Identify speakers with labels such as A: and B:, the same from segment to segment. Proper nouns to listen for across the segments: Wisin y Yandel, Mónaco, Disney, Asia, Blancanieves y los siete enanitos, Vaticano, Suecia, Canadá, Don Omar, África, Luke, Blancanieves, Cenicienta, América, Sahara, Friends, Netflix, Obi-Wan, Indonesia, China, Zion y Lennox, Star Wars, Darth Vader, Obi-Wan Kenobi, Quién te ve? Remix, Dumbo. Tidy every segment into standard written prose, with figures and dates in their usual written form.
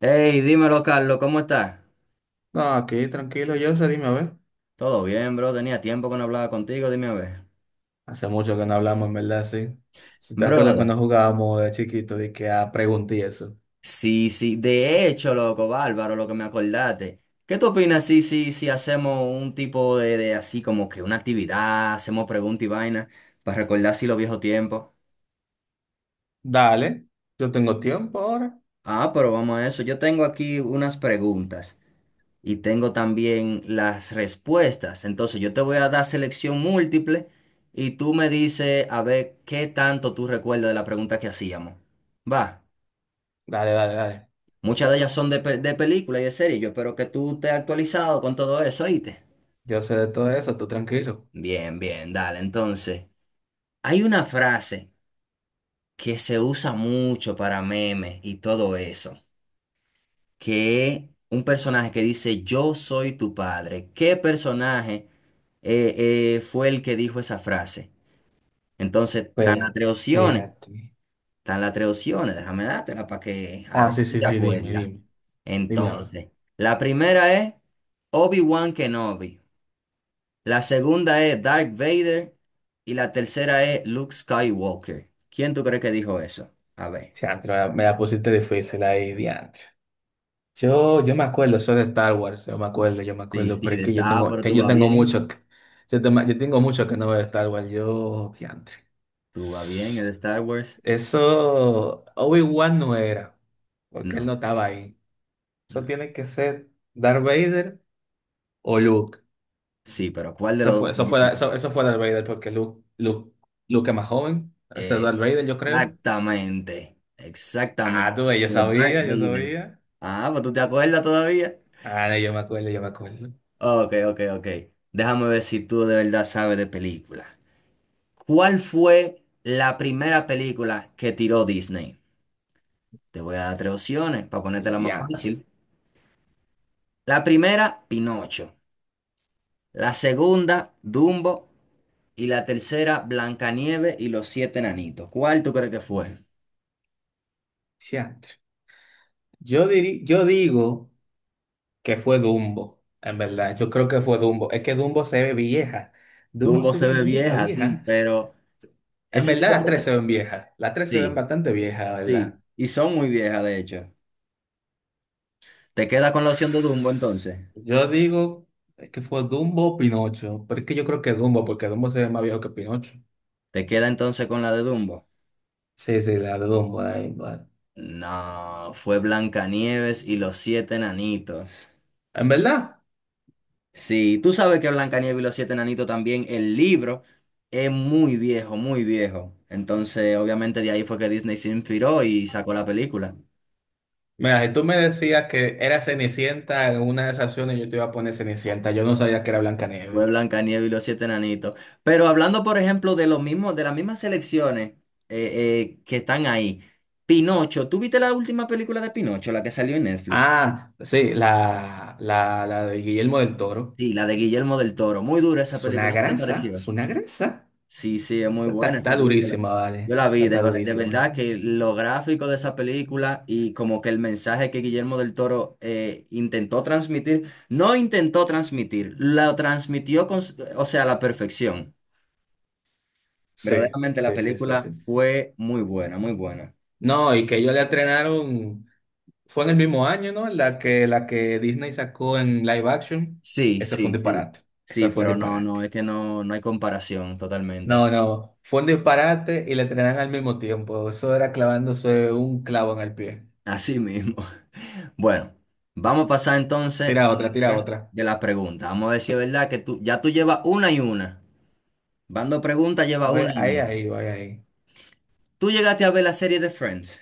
A: Hey, dímelo, Carlos, ¿cómo estás?
B: No, aquí tranquilo, yo, o sea, dime a ver.
A: Todo bien, bro. Tenía tiempo que no hablaba contigo, dime a ver.
B: Hace mucho que no hablamos, en verdad, sí. Si te acuerdas
A: Brother.
B: cuando jugábamos de chiquito, de que a pregunta eso.
A: Sí, sí. De hecho, loco, bárbaro, lo que me acordaste. ¿Qué tú opinas si hacemos un tipo de así como que una actividad, hacemos preguntas y vainas para recordar así los viejos tiempos?
B: Dale, yo tengo tiempo ahora.
A: Ah, pero vamos a eso. Yo tengo aquí unas preguntas. Y tengo también las respuestas. Entonces yo te voy a dar selección múltiple y tú me dices a ver qué tanto tú recuerdas de la pregunta que hacíamos. Va,
B: Dale, dale, dale.
A: muchas de ellas son de, de película y de serie. Yo espero que tú estés actualizado con todo eso, ¿oíste?
B: Yo sé de todo eso, tú tranquilo.
A: Bien, bien, dale. Entonces, hay una frase que se usa mucho para memes y todo eso, que es un personaje que dice, yo soy tu padre. ¿Qué personaje eh, fue el que dijo esa frase? Entonces, están
B: Espera,
A: las tres opciones,
B: espérate.
A: déjame dártela para que a
B: Ah,
A: ver
B: sí,
A: si
B: sí,
A: te
B: sí, dime,
A: acuerdas.
B: dime. Dime a ver.
A: Entonces, la primera es Obi-Wan Kenobi, la segunda es Darth Vader y la tercera es Luke Skywalker. ¿Quién tú crees que dijo eso? A ver.
B: Diantre, me la pusiste difícil ahí, diantre. Yo me acuerdo, soy de Star Wars, yo me
A: Sí,
B: acuerdo,
A: sí,
B: pero es que yo tengo,
A: Pero tú
B: yo
A: vas
B: tengo
A: bien,
B: mucho, yo, yo tengo mucho que no veo Star Wars, yo, diantre.
A: es de Star Wars.
B: Eso Obi-Wan no era, porque él
A: No,
B: no estaba ahí. Eso
A: no.
B: tiene que ser Darth Vader o Luke.
A: Sí, pero ¿cuál de
B: Eso
A: los
B: fue,
A: dos tú
B: eso
A: dices?
B: fue, eso fue Darth Vader, porque Luke, Luke, Luke es más joven. Ese es Darth Vader, yo creo.
A: Exactamente,
B: Ah,
A: exactamente.
B: tú, ves, yo
A: The Dark
B: sabía, yo
A: Vader.
B: sabía.
A: Ah, pues tú te acuerdas todavía.
B: Ah, no, yo me acuerdo, yo me acuerdo.
A: Ok, ok, ok. Déjame ver si tú de verdad sabes de películas. ¿Cuál fue la primera película que tiró Disney? Te voy a dar tres opciones para
B: El
A: ponértela más
B: diantro,
A: fácil. La primera, Pinocho. La segunda, Dumbo. Y la tercera, Blancanieves y los siete enanitos. ¿Cuál tú crees que fue?
B: diantro. Yo digo que fue Dumbo, en verdad. Yo creo que fue Dumbo. Es que Dumbo se ve vieja. Dumbo
A: Dumbo
B: se
A: se
B: ve
A: ve
B: vieja,
A: vieja, sí,
B: vieja.
A: pero
B: En
A: ese
B: verdad, las
A: tipo
B: tres se
A: de...
B: ven viejas. Las tres se ven
A: Sí.
B: bastante viejas,
A: Sí,
B: ¿verdad?
A: y son muy viejas, de hecho. ¿Te queda con la opción de Dumbo entonces?
B: Yo digo que fue Dumbo o Pinocho. Pero es que yo creo que Dumbo, porque Dumbo se ve más viejo que Pinocho.
A: ¿Te queda entonces con la de Dumbo?
B: Sí, sí, la de Dumbo ahí, vale.
A: No, fue Blancanieves y los siete enanitos.
B: En verdad,
A: Sí, tú sabes que Blancanieves y los siete enanitos también, el libro es muy viejo, muy viejo. Entonces, obviamente de ahí fue que Disney se inspiró y sacó la película.
B: mira, si tú me decías que era Cenicienta en una de esas opciones, yo te iba a poner Cenicienta. Yo no sabía que era Blancanieves.
A: Fue Blancanieves y los siete enanitos. Pero hablando, por ejemplo, de los mismos, de las mismas selecciones que están ahí. Pinocho, ¿tú viste la última película de Pinocho, la que salió en Netflix?
B: Ah, sí, la de Guillermo del Toro.
A: Sí, la de Guillermo del Toro. Muy dura esa
B: Es una
A: película. ¿Qué te
B: grasa,
A: pareció?
B: es una grasa.
A: Sí, sí, es
B: O
A: muy
B: sea,
A: buena esa
B: está
A: película.
B: durísima,
A: Yo
B: vale.
A: la
B: O sea,
A: vi,
B: está
A: de
B: durísima.
A: verdad que lo gráfico de esa película y como que el mensaje que Guillermo del Toro intentó transmitir, no intentó transmitir, lo transmitió o sea, a la perfección.
B: Sí,
A: Verdaderamente la
B: sí, sí, sí,
A: película
B: sí.
A: fue muy buena, muy buena.
B: No, y que ellos la estrenaron, fue en el mismo año, ¿no? La que Disney sacó en live action,
A: Sí,
B: ese fue un
A: sí, sí.
B: disparate, ese
A: Sí,
B: fue un
A: pero no, no,
B: disparate.
A: es que no, no hay comparación totalmente.
B: No, no, fue un disparate y la estrenaron al mismo tiempo, eso era clavándose un clavo en el pie.
A: Así mismo. Bueno, vamos a pasar entonces
B: Tira otra,
A: a
B: tira
A: otra
B: otra.
A: de las preguntas. Vamos a ver si es verdad que tú, ya tú llevas una y una. Bando preguntas, lleva
B: Voy
A: una y
B: ahí,
A: una.
B: ahí, voy ahí.
A: ¿Tú llegaste a ver la serie de Friends?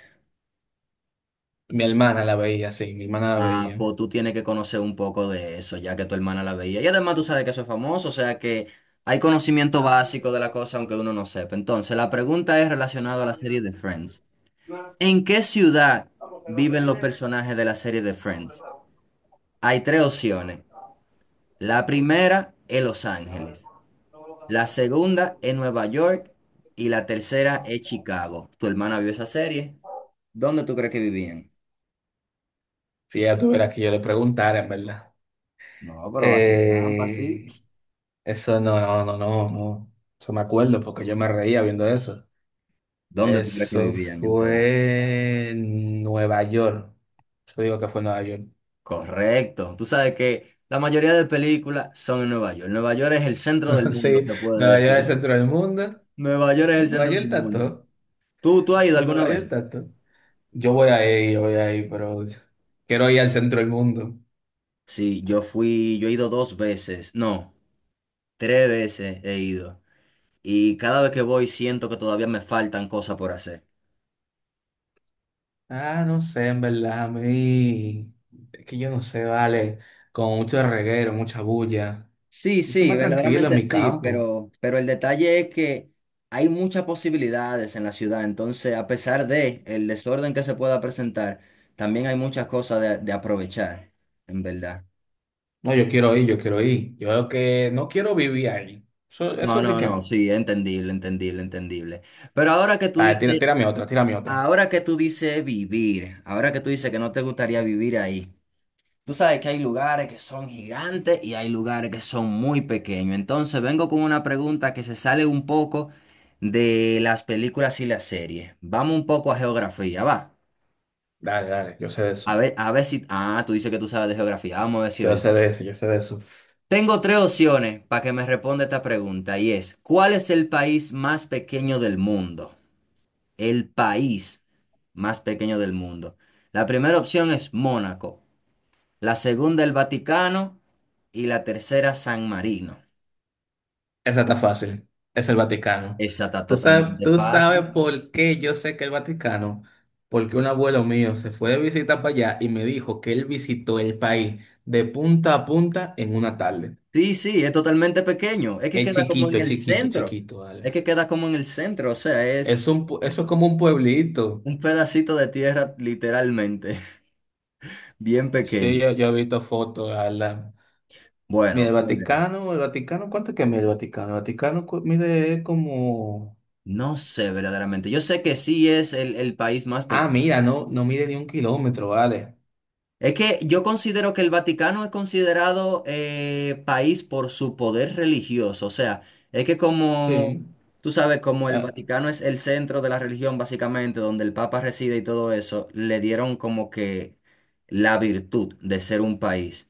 B: Mi hermana la veía, sí, mi hermana la
A: Ah,
B: veía.
A: pues tú tienes que conocer un poco de eso, ya que tu hermana la veía. Y además tú sabes que eso es famoso, o sea que hay conocimiento básico de la cosa, aunque uno no sepa. Entonces, la pregunta es relacionada a la serie de Friends. ¿En qué ciudad viven los personajes de la serie de Friends? Hay tres opciones. La primera es Los Ángeles, la segunda es Nueva York y la tercera es Chicago. ¿Tu hermana vio esa serie? ¿Dónde tú crees que vivían?
B: Si ella tuviera que yo le preguntara, en verdad.
A: No, pero va a ser trampa, sí.
B: Eh, eso no, no, no, no, no. Eso me acuerdo porque yo me reía viendo eso.
A: ¿Dónde tú crees que
B: Eso
A: vivían entonces?
B: fue en Nueva York. Yo digo que fue en Nueva York.
A: Correcto. Tú sabes que la mayoría de películas son en Nueva York. Nueva York es el centro del mundo,
B: Sí,
A: se puede
B: Nueva York es el
A: decir.
B: centro del mundo.
A: Nueva York es el
B: Nueva
A: centro
B: York
A: del
B: está
A: mundo.
B: todo.
A: ¿Tú has ido
B: En
A: alguna
B: Nueva
A: vez?
B: York está todo. Yo voy ahí, pero quiero ir al centro del mundo.
A: Sí, yo fui, yo he ido dos veces, no, tres veces he ido. Y cada vez que voy siento que todavía me faltan cosas por hacer.
B: Ah, no sé, en verdad, a mí. Es que yo no sé, vale. Con mucho reguero, mucha bulla.
A: Sí,
B: Yo soy
A: sí,
B: más tranquilo en
A: verdaderamente
B: mi
A: sí,
B: campo.
A: pero el detalle es que hay muchas posibilidades en la ciudad, entonces a pesar de el desorden que se pueda presentar, también hay muchas cosas de aprovechar, en verdad.
B: No, yo quiero ir, yo quiero ir. Yo creo que no quiero vivir ahí. Eso,
A: No,
B: eso sí
A: no,
B: que
A: no,
B: no.
A: sí, entendible, entendible, entendible. Pero ahora que tú
B: Vale, tira,
A: dices,
B: tírame otra, tírame otra.
A: ahora que tú dices que no te gustaría vivir ahí. Tú sabes que hay lugares que son gigantes y hay lugares que son muy pequeños. Entonces vengo con una pregunta que se sale un poco de las películas y las series. Vamos un poco a geografía, va.
B: Dale, dale, yo sé de eso.
A: A ver si... Ah, tú dices que tú sabes de geografía. Vamos a ver si es
B: Yo
A: verdad.
B: sé de eso, yo sé de eso.
A: Tengo tres opciones para que me responda esta pregunta y es, ¿cuál es el país más pequeño del mundo? El país más pequeño del mundo. La primera opción es Mónaco, la segunda el Vaticano y la tercera San Marino.
B: Esa está fácil. Es el Vaticano.
A: Esa está totalmente
B: Tú sabes
A: fácil.
B: por qué yo sé que el Vaticano? Porque un abuelo mío se fue de visita para allá y me dijo que él visitó el país de punta a punta en una tarde.
A: Sí, sí, es totalmente pequeño. Es que
B: Es
A: queda como en
B: chiquito, es
A: el
B: chiquito, es
A: centro.
B: chiquito,
A: Es
B: dale.
A: que queda como en el centro. O sea, es
B: Es un, eso es como un pueblito.
A: un pedacito de tierra literalmente, bien
B: Sí,
A: pequeño.
B: yo he visto fotos, dale. Mira,
A: Bueno, pues,
B: El Vaticano, ¿cuánto que mide el Vaticano? El Vaticano mide como...
A: no sé verdaderamente. Yo sé que sí es el país más
B: Ah,
A: pequeño.
B: mira, no, no mide ni un kilómetro, vale.
A: Es que yo considero que el Vaticano es considerado país por su poder religioso. O sea, es que como,
B: Sí.
A: tú sabes, como el
B: Ah,
A: Vaticano es el centro de la religión, básicamente, donde el Papa reside y todo eso, le dieron como que la virtud de ser un país,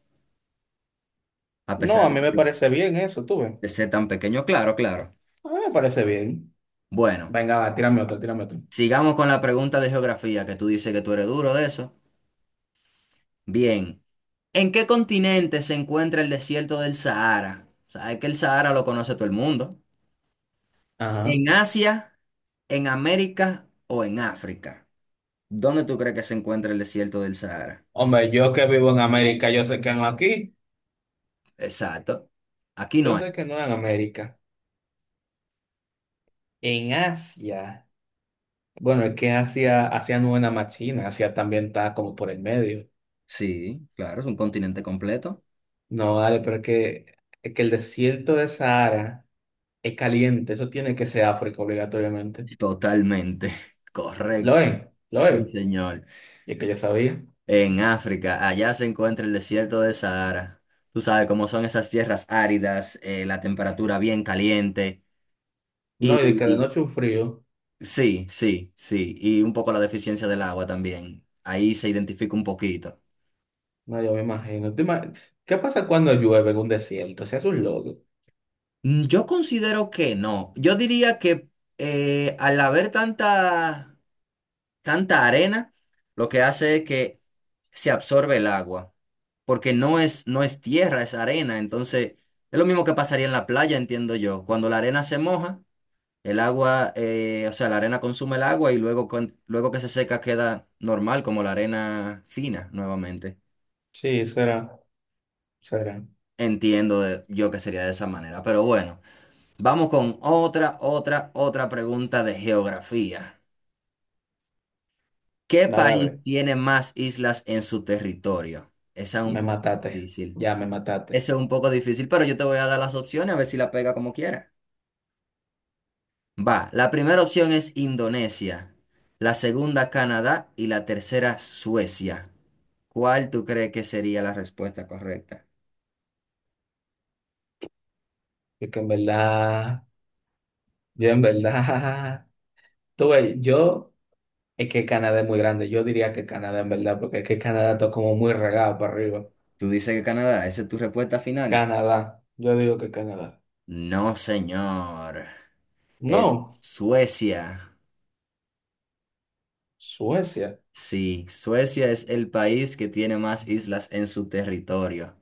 A: a
B: no,
A: pesar
B: a mí me parece bien eso, tú ves.
A: de ser tan pequeño. Claro, claro.
B: A mí me parece bien.
A: Bueno,
B: Venga, va, tírame otro, tírame otro.
A: sigamos con la pregunta de geografía, que tú dices que tú eres duro de eso. Bien. ¿En qué continente se encuentra el desierto del Sahara? Sabes que el Sahara lo conoce todo el mundo.
B: Ajá.
A: ¿En Asia, en América o en África? ¿Dónde tú crees que se encuentra el desierto del Sahara?
B: Hombre, yo que vivo en América, yo sé que no aquí.
A: Exacto. Aquí
B: Yo
A: no es.
B: sé que no en América. En Asia. Bueno, es que Asia, Asia no es nada más China, Asia también está como por el medio.
A: Sí, claro, es un continente completo.
B: No, vale, es que el desierto de Sahara es caliente, eso tiene que ser África obligatoriamente.
A: Totalmente. Correcto.
B: Lo es, lo
A: Sí,
B: es.
A: señor.
B: Y es que yo sabía.
A: En África, allá se encuentra el desierto del Sahara. Tú sabes cómo son esas tierras áridas, la temperatura bien caliente.
B: No, y de cada
A: Y,
B: noche un frío.
A: sí, sí, sí. Y un poco la deficiencia del agua también. Ahí se identifica un poquito.
B: No, yo me imagino. ¿Qué pasa cuando llueve en un desierto? Se hace un lodo.
A: Mm, yo considero que no. Yo diría que al haber tanta, tanta arena, lo que hace es que se absorbe el agua. Porque no es, no es tierra, es arena. Entonces, es lo mismo que pasaría en la playa, entiendo yo. Cuando la arena se moja, el agua, o sea, la arena consume el agua y luego que se seca queda normal, como la arena fina nuevamente.
B: Sí, será, será.
A: Entiendo yo que sería de esa manera, pero bueno, vamos con otra pregunta de geografía. ¿Qué
B: Dale a
A: país
B: ver.
A: tiene más islas en su territorio? Esa es un
B: Me
A: poco
B: mataste.
A: difícil.
B: Ya me mataste.
A: Esa es un poco difícil, pero yo te voy a dar las opciones a ver si la pega como quiera. Va, la primera opción es Indonesia, la segunda Canadá y la tercera Suecia. ¿Cuál tú crees que sería la respuesta correcta?
B: Es que en verdad, yo en verdad. Tú ves, yo, es que Canadá es muy grande. Yo diría que Canadá en verdad, porque es que Canadá está como muy regado para arriba.
A: Tú dices que Canadá, ¿esa es tu respuesta final?
B: Canadá. Yo digo que Canadá.
A: No, señor. Es
B: No,
A: Suecia.
B: Suecia.
A: Sí, Suecia es el país que tiene más islas en su territorio.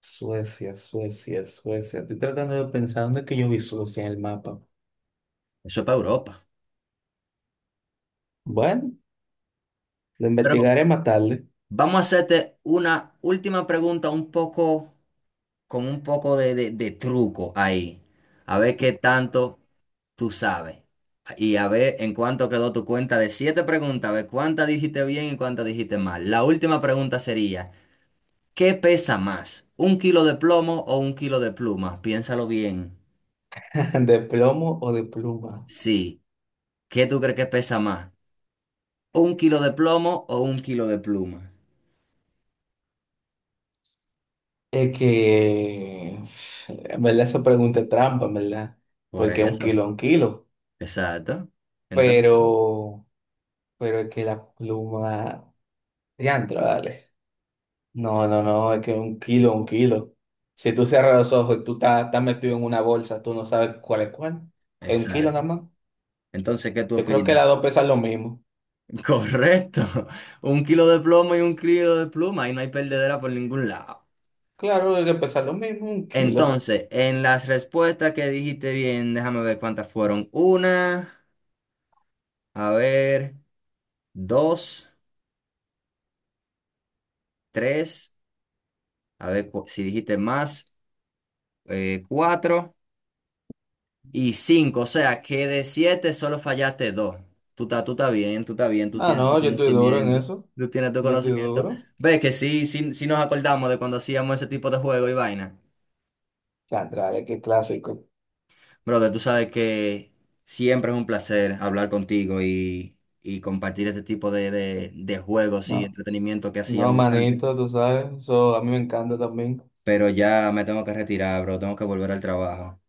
B: Suecia, Suecia, Suecia. Estoy tratando de pensar dónde es que yo vi Suecia en el mapa.
A: Eso es para Europa.
B: Bueno. Lo
A: Pero
B: investigaré más tarde.
A: vamos a hacerte una última pregunta un poco, con un poco de truco ahí. A ver qué tanto tú sabes. Y a ver en cuánto quedó tu cuenta de siete preguntas, a ver cuántas dijiste bien y cuántas dijiste mal. La última pregunta sería, ¿qué pesa más? ¿Un kilo de plomo o un kilo de pluma? Piénsalo bien.
B: ¿De plomo o de pluma?
A: Sí. ¿Qué tú crees que pesa más? ¿Un kilo de plomo o un kilo de pluma?
B: Es que, en verdad, eso pregunta es trampa, en verdad.
A: Por
B: Porque un
A: eso.
B: kilo es un kilo.
A: Exacto. Entonces,
B: Pero, pero es que la pluma. Diantro, vale. No, no, no, es que un kilo es un kilo. Si tú cierras los ojos y tú estás, estás metido en una bolsa, tú no sabes cuál. Es un kilo nada
A: exacto.
B: más.
A: Entonces, ¿qué tú
B: Yo creo que
A: opinas?
B: las dos pesan lo mismo.
A: Correcto. Un kilo de plomo y un kilo de pluma y no hay perdedera por ningún lado.
B: Claro, hay que pesar lo mismo, un kilo.
A: Entonces, en las respuestas que dijiste bien, déjame ver cuántas fueron. Una, a ver, dos, tres, a ver si dijiste más, cuatro. Y cinco, o sea que de siete solo fallaste dos. Tú estás bien, tú
B: Ah,
A: tienes tu
B: no, yo estoy duro en
A: conocimiento,
B: eso.
A: tú tienes tu
B: Yo estoy
A: conocimiento.
B: duro.
A: Ves que sí, sí, sí nos acordamos de cuando hacíamos ese tipo de juego y vaina.
B: Chantrales, qué clásico.
A: Brother, tú sabes que siempre es un placer hablar contigo y compartir este tipo de juegos y
B: No,
A: entretenimiento que
B: no,
A: hacíamos antes.
B: manito, tú sabes. Eso a mí me encanta también.
A: Pero ya me tengo que retirar, bro, tengo que volver al trabajo.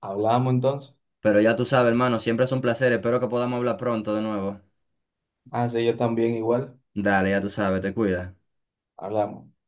B: Hablamos entonces.
A: Pero ya tú sabes, hermano, siempre es un placer, espero que podamos hablar pronto de nuevo.
B: Ah, sí, yo también igual.
A: Dale, ya tú sabes, te cuidas.
B: Hablamos.